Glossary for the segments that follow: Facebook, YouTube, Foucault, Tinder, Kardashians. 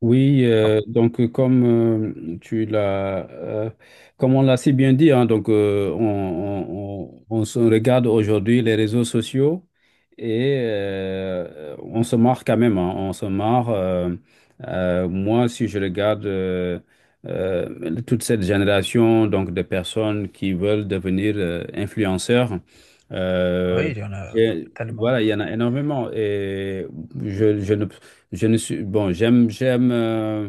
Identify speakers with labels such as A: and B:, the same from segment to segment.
A: Oui, donc comme tu l'as, comme on l'a si bien dit, hein, donc on se regarde aujourd'hui les réseaux sociaux et on se marre quand même, hein, on se marre. Moi, si je regarde toute cette génération donc de personnes qui veulent devenir influenceurs, euh,
B: Oui, il y en a
A: et
B: tellement.
A: voilà, il y en a énormément et je, je ne je ne suis, bon,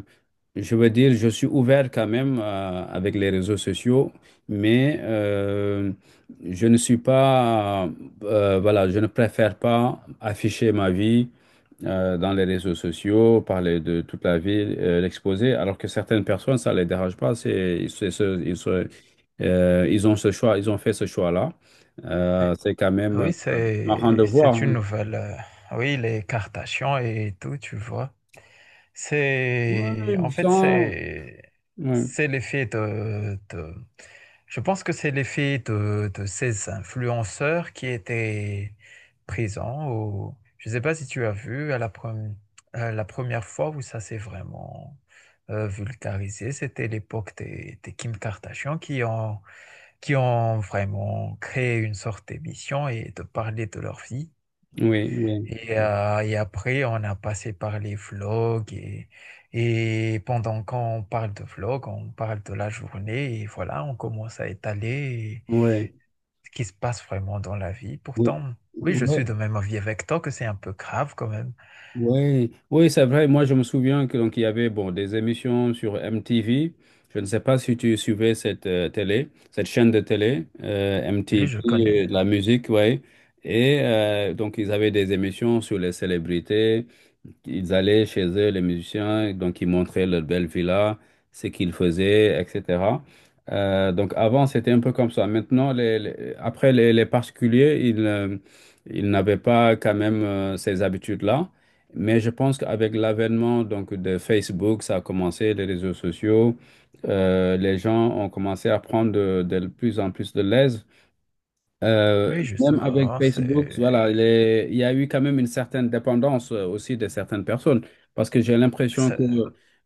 A: je veux dire, je suis ouvert quand même avec les réseaux sociaux, mais je ne suis pas, voilà, je ne préfère pas afficher ma vie dans les réseaux sociaux, parler de toute la vie, l'exposer, alors que certaines personnes, ça les dérange pas, c'est ce- ils, se- ils ont ce choix, ils ont fait ce choix-là.
B: Et-
A: C'est quand même
B: Oui,
A: marrant
B: c'est
A: de voir.
B: une nouvelle. Oui, les Kardashians et tout, tu vois.
A: Ouais,
B: C'est en fait c'est
A: ouais.
B: c'est l'effet de, je pense que c'est l'effet de ces influenceurs qui étaient présents au je ne sais pas si tu as vu à la première fois où ça s'est vraiment vulgarisé, c'était l'époque des Kim Kardashian qui ont vraiment créé une sorte d'émission et de parler de leur vie.
A: Oui, oui,
B: Et après, on a passé par les vlogs et pendant qu'on parle de vlogs, on parle de la journée et voilà, on commence à étaler
A: oui,
B: ce qui se passe vraiment dans la vie.
A: oui,
B: Pourtant, oui, je suis de
A: oui,
B: même avis avec toi que c'est un peu grave quand même.
A: oui, oui, c'est vrai. Moi, je me souviens que donc il y avait bon des émissions sur MTV. Je ne sais pas si tu suivais cette télé, cette chaîne de télé
B: Oui, je
A: MTV,
B: connais.
A: de la musique, ouais. Et donc ils avaient des émissions sur les célébrités. Ils allaient chez eux, les musiciens, donc ils montraient leur belle villa, ce qu'ils faisaient, etc. Donc avant, c'était un peu comme ça. Maintenant, après, les particuliers, ils n'avaient pas quand même ces habitudes-là. Mais je pense qu'avec l'avènement donc, de Facebook, ça a commencé, les réseaux sociaux, les gens ont commencé à prendre de plus en plus de l'aise
B: Oui,
A: même avec
B: justement,
A: Facebook, voilà, il y a eu quand même une certaine dépendance aussi de certaines personnes. Parce que j'ai l'impression
B: c'est,
A: que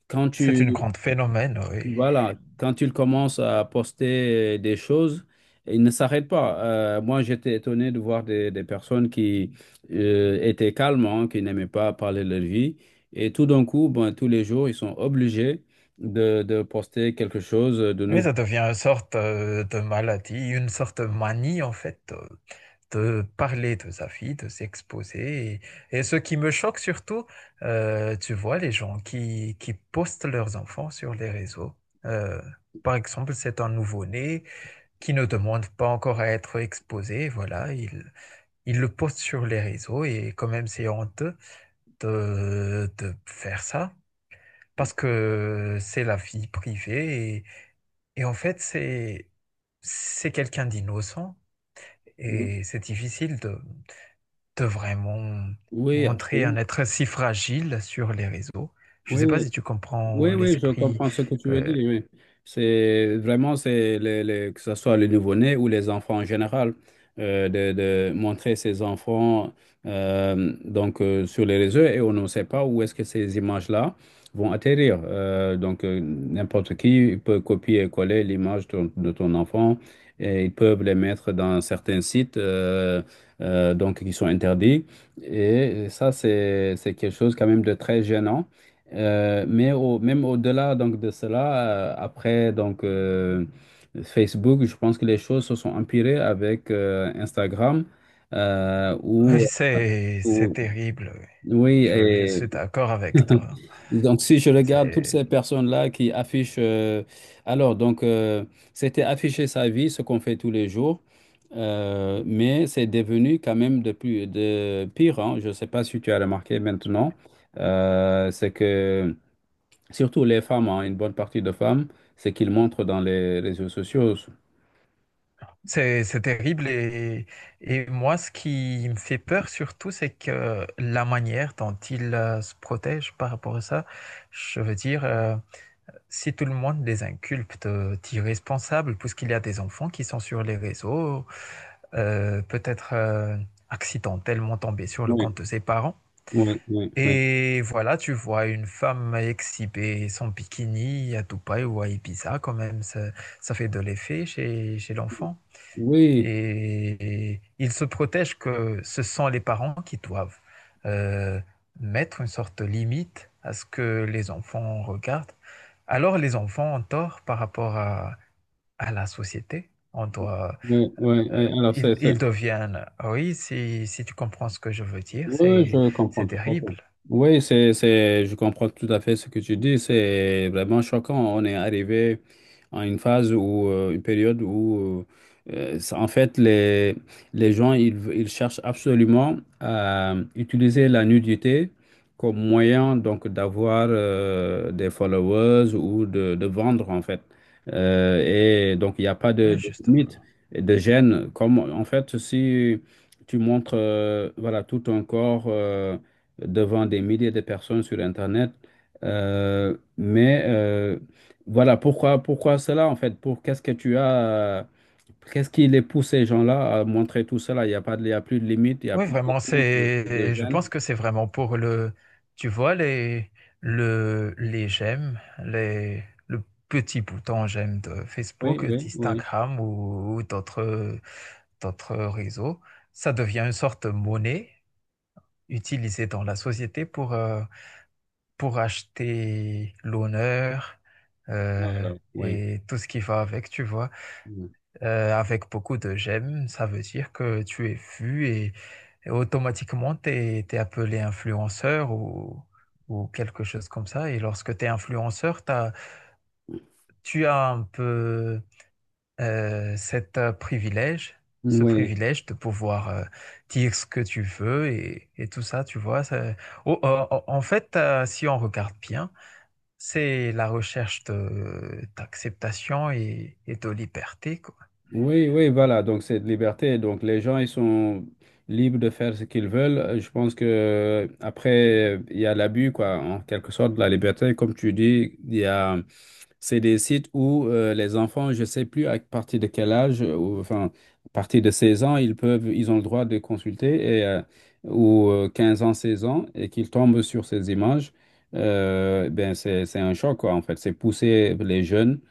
A: quand tu,
B: c'est une grande phénomène, oui.
A: voilà, quand ils commencent à poster des choses, ils ne s'arrêtent pas. Moi, j'étais étonné de voir des personnes qui étaient calmes, hein, qui n'aimaient pas parler de leur vie. Et tout d'un coup, ben, tous les jours, ils sont obligés de poster quelque chose de
B: Oui,
A: nouveau.
B: ça devient une sorte de maladie, une sorte de manie en fait, de parler de sa vie, de s'exposer. Et ce qui me choque surtout, tu vois, les gens qui postent leurs enfants sur les réseaux. Euh, Par exemple, c'est un nouveau-né qui ne demande pas encore à être exposé. Voilà, il le poste sur les réseaux et quand même c'est honteux de faire ça parce que c'est la vie privée et en fait, c'est quelqu'un d'innocent et c'est difficile de vraiment
A: Oui,
B: montrer un
A: absolument.
B: être si fragile sur les réseaux. Je ne
A: Oui,
B: sais pas si tu comprends
A: oui, oui, je
B: l'esprit.
A: comprends ce que tu veux
B: euh,
A: dire. Oui. C'est vraiment, c'est les- Que ce soit les nouveau-nés ou les enfants en général, de montrer ces enfants sur les réseaux et on ne sait pas où est-ce que ces images-là vont atterrir. N'importe qui peut copier et coller l'image de ton enfant et ils peuvent les mettre dans certains sites donc qui sont interdits. Et ça, c'est quelque chose quand même de très gênant. Mais même au-delà donc de cela, après donc Facebook, je pense que les choses se sont empirées avec Instagram euh,
B: oui,
A: où,
B: c'est
A: où-
B: terrible. Oui.
A: oui
B: Je suis
A: et
B: d'accord avec toi.
A: donc si je regarde toutes ces
B: C'est
A: personnes-là qui affichent alors donc euh, c'était afficher sa vie, ce qu'on fait tous les jours. Mais c'est devenu quand même de plus de pire, hein. Je ne sais pas si tu as remarqué maintenant, c'est que surtout les femmes, hein, une bonne partie de femmes, c'est qu'ils montrent dans les réseaux sociaux.
B: c'est c'est terrible et moi, ce qui me fait peur surtout, c'est que la manière dont ils se protègent par rapport à ça, je veux dire. Si tout le monde les inculpte d'irresponsables, puisqu'il y a des enfants qui sont sur les réseaux, peut-être accidentellement tombés sur le
A: Oui,
B: compte de ses parents.
A: oui, oui, oui.
B: Et voilà, tu vois une femme exhiber son bikini à Dubaï ou à Ibiza, quand même, ça fait de l'effet chez, chez l'enfant.
A: Oui,
B: Et ils se protègent que ce sont les parents qui doivent euh, mettre une sorte de limite à ce que les enfants regardent. Alors les enfants ont tort par rapport à la société.
A: oui, oui,
B: Euh,
A: oui. Alors,
B: ils, ils deviennent, ah oui, si, si tu comprends ce que je veux dire,
A: oui, je
B: c'est
A: comprends tout à fait.
B: terrible,
A: Oui, je comprends tout à fait ce que tu dis. C'est vraiment choquant. On est arrivé à une phase ou une période où, en fait, les gens, ils cherchent absolument à utiliser la nudité comme moyen donc d'avoir des followers ou de vendre, en fait. Euh, et donc, il n'y a pas
B: hein,
A: de limite,
B: justement.
A: et de gêne. Comme, en fait, si... tu montres voilà, tout ton corps devant des milliers de personnes sur Internet. Euh, mais euh, voilà, pourquoi cela en fait? Pour qu'est-ce que tu as, qu'est-ce qui les pousse ces gens-là à montrer tout cela? Il n'y a pas de, Il y a plus de limite, il n'y a
B: Oui,
A: plus de,
B: vraiment,
A: honte, de
B: c'est, je
A: gêne.
B: pense que c'est vraiment pour le, tu vois, les, le, les j'aime, les, le petit bouton j'aime de
A: Oui,
B: Facebook,
A: oui, oui.
B: d'Instagram ou d'autres, d'autres réseaux. Ça devient une sorte de monnaie utilisée dans la société pour acheter l'honneur, euh,
A: Voilà, oui.
B: et tout ce qui va avec, tu vois. Avec beaucoup de j'aime, ça veut dire que tu es vu et automatiquement tu es, appelé influenceur ou quelque chose comme ça. Et lorsque tu es influenceur, tu as un peu cet privilège, ce
A: Oui.
B: privilège de pouvoir dire ce que tu veux et tout ça, tu vois. Oh, oh, oh, en fait, si on regarde bien, c'est la recherche de, d'acceptation et de liberté, quoi.
A: Oui, oui, voilà. Donc, cette liberté. Donc, les gens, ils sont libres de faire ce qu'ils veulent. Je pense que après, il y a l'abus, quoi, en quelque sorte, de la liberté. Comme tu dis, c'est des sites où les enfants, je sais plus à partir de quel âge, ou, enfin, à partir de 16 ans, ils ont le droit de consulter et, ou 15 ans, 16 ans, et qu'ils tombent sur ces images. Ben, c'est un choc, quoi, en fait. C'est pousser les jeunes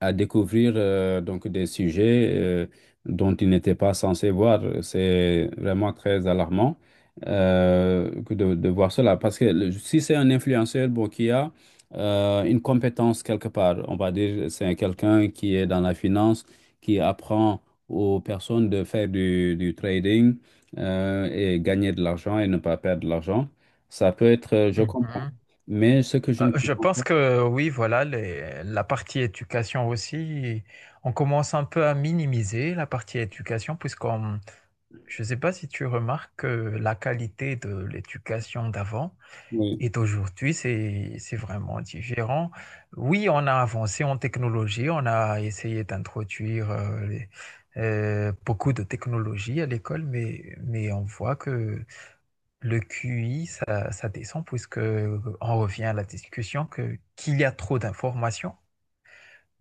A: à découvrir donc des sujets dont ils n'étaient pas censés voir. C'est vraiment très alarmant que de voir cela. Parce que si c'est un influenceur bon, qui a une compétence quelque part, on va dire c'est quelqu'un qui est dans la finance, qui apprend aux personnes de faire du trading et gagner de l'argent et ne pas perdre de l'argent, ça peut être, je comprends. Mais ce que je ne
B: Je
A: comprends pas,
B: pense que oui, voilà, la partie éducation aussi, on commence un peu à minimiser la partie éducation, puisqu'on, je ne sais pas si tu remarques que la qualité de l'éducation d'avant
A: oui,
B: et d'aujourd'hui, c'est vraiment différent. Oui, on a avancé en technologie, on a essayé d'introduire beaucoup de technologies à l'école, mais on voit que le QI, ça, ça descend puisque on revient à la discussion que qu'il y a trop d'informations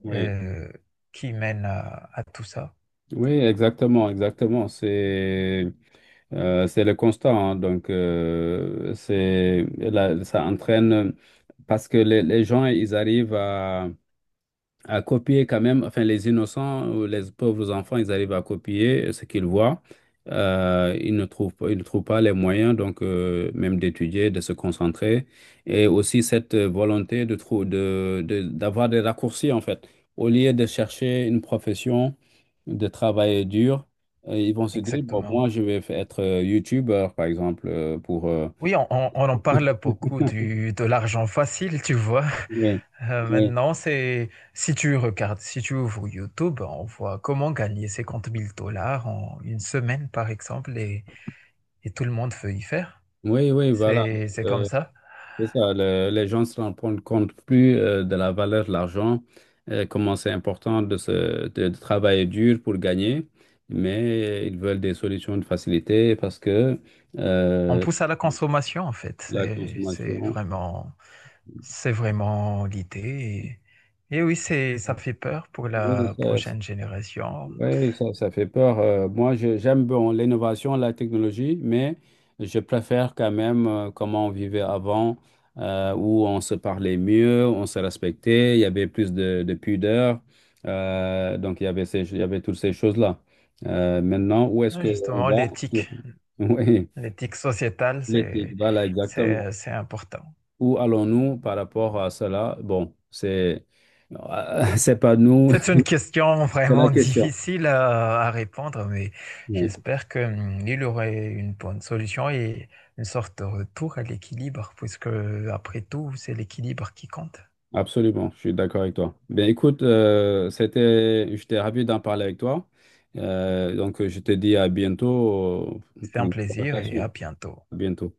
A: oui.
B: euh, qui mènent à tout ça.
A: Oui, exactement, exactement. C'est le constat, hein. Donc, là, ça entraîne parce que les gens, ils arrivent à copier quand même, enfin les innocents ou les pauvres enfants, ils arrivent à copier ce qu'ils voient. Ils ne trouvent pas les moyens, donc même d'étudier, de se concentrer, et aussi cette volonté de trou- de- d'avoir des raccourcis en fait. Au lieu de chercher une profession, de travailler dur, ils vont se dire, bon,
B: Exactement.
A: moi je vais être youtubeur par exemple pour.
B: Oui, on, on en parle beaucoup du, de l'argent facile, tu vois.
A: Oui, oui,
B: Maintenant, c'est si tu regardes, si tu ouvres YouTube, on voit comment gagner 50 000 dollars en une semaine, par exemple, et tout le monde veut y faire.
A: oui, oui, voilà.
B: C'est comme
A: Euh,
B: ça.
A: C'est ça, les gens se rendent compte plus de la valeur de l'argent, comment c'est important de travailler dur pour gagner, mais ils veulent des solutions de facilité parce que
B: On
A: euh,
B: pousse à la consommation, en fait.
A: la consommation.
B: C'est vraiment l'idée. Et oui, c'est, ça fait peur pour la prochaine génération.
A: Oui, ça fait peur. Moi, j'aime bon, l'innovation, la technologie, mais je préfère quand même comment on vivait avant, où on se parlait mieux, on se respectait, il y avait plus de pudeur. Donc, il y avait toutes ces choses-là. Maintenant, où est-ce
B: Ouais,
A: qu'on
B: justement,
A: va? sur-
B: l'éthique,
A: Oui,
B: l'éthique sociétale,
A: l'éthique, voilà, exactement.
B: c'est important.
A: Où allons-nous par rapport à cela? Bon, c'est pas nous,
B: C'est une question
A: c'est la
B: vraiment
A: question.
B: difficile à répondre, mais
A: Oui.
B: j'espère que, il aurait une bonne solution et une sorte de retour à l'équilibre, puisque après tout, c'est l'équilibre qui compte.
A: Absolument, je suis d'accord avec toi. Ben écoute, j'étais ravi d'en parler avec toi. Donc je te dis à bientôt
B: C'est
A: pour
B: un
A: une
B: plaisir et
A: conversation.
B: à bientôt.
A: À bientôt.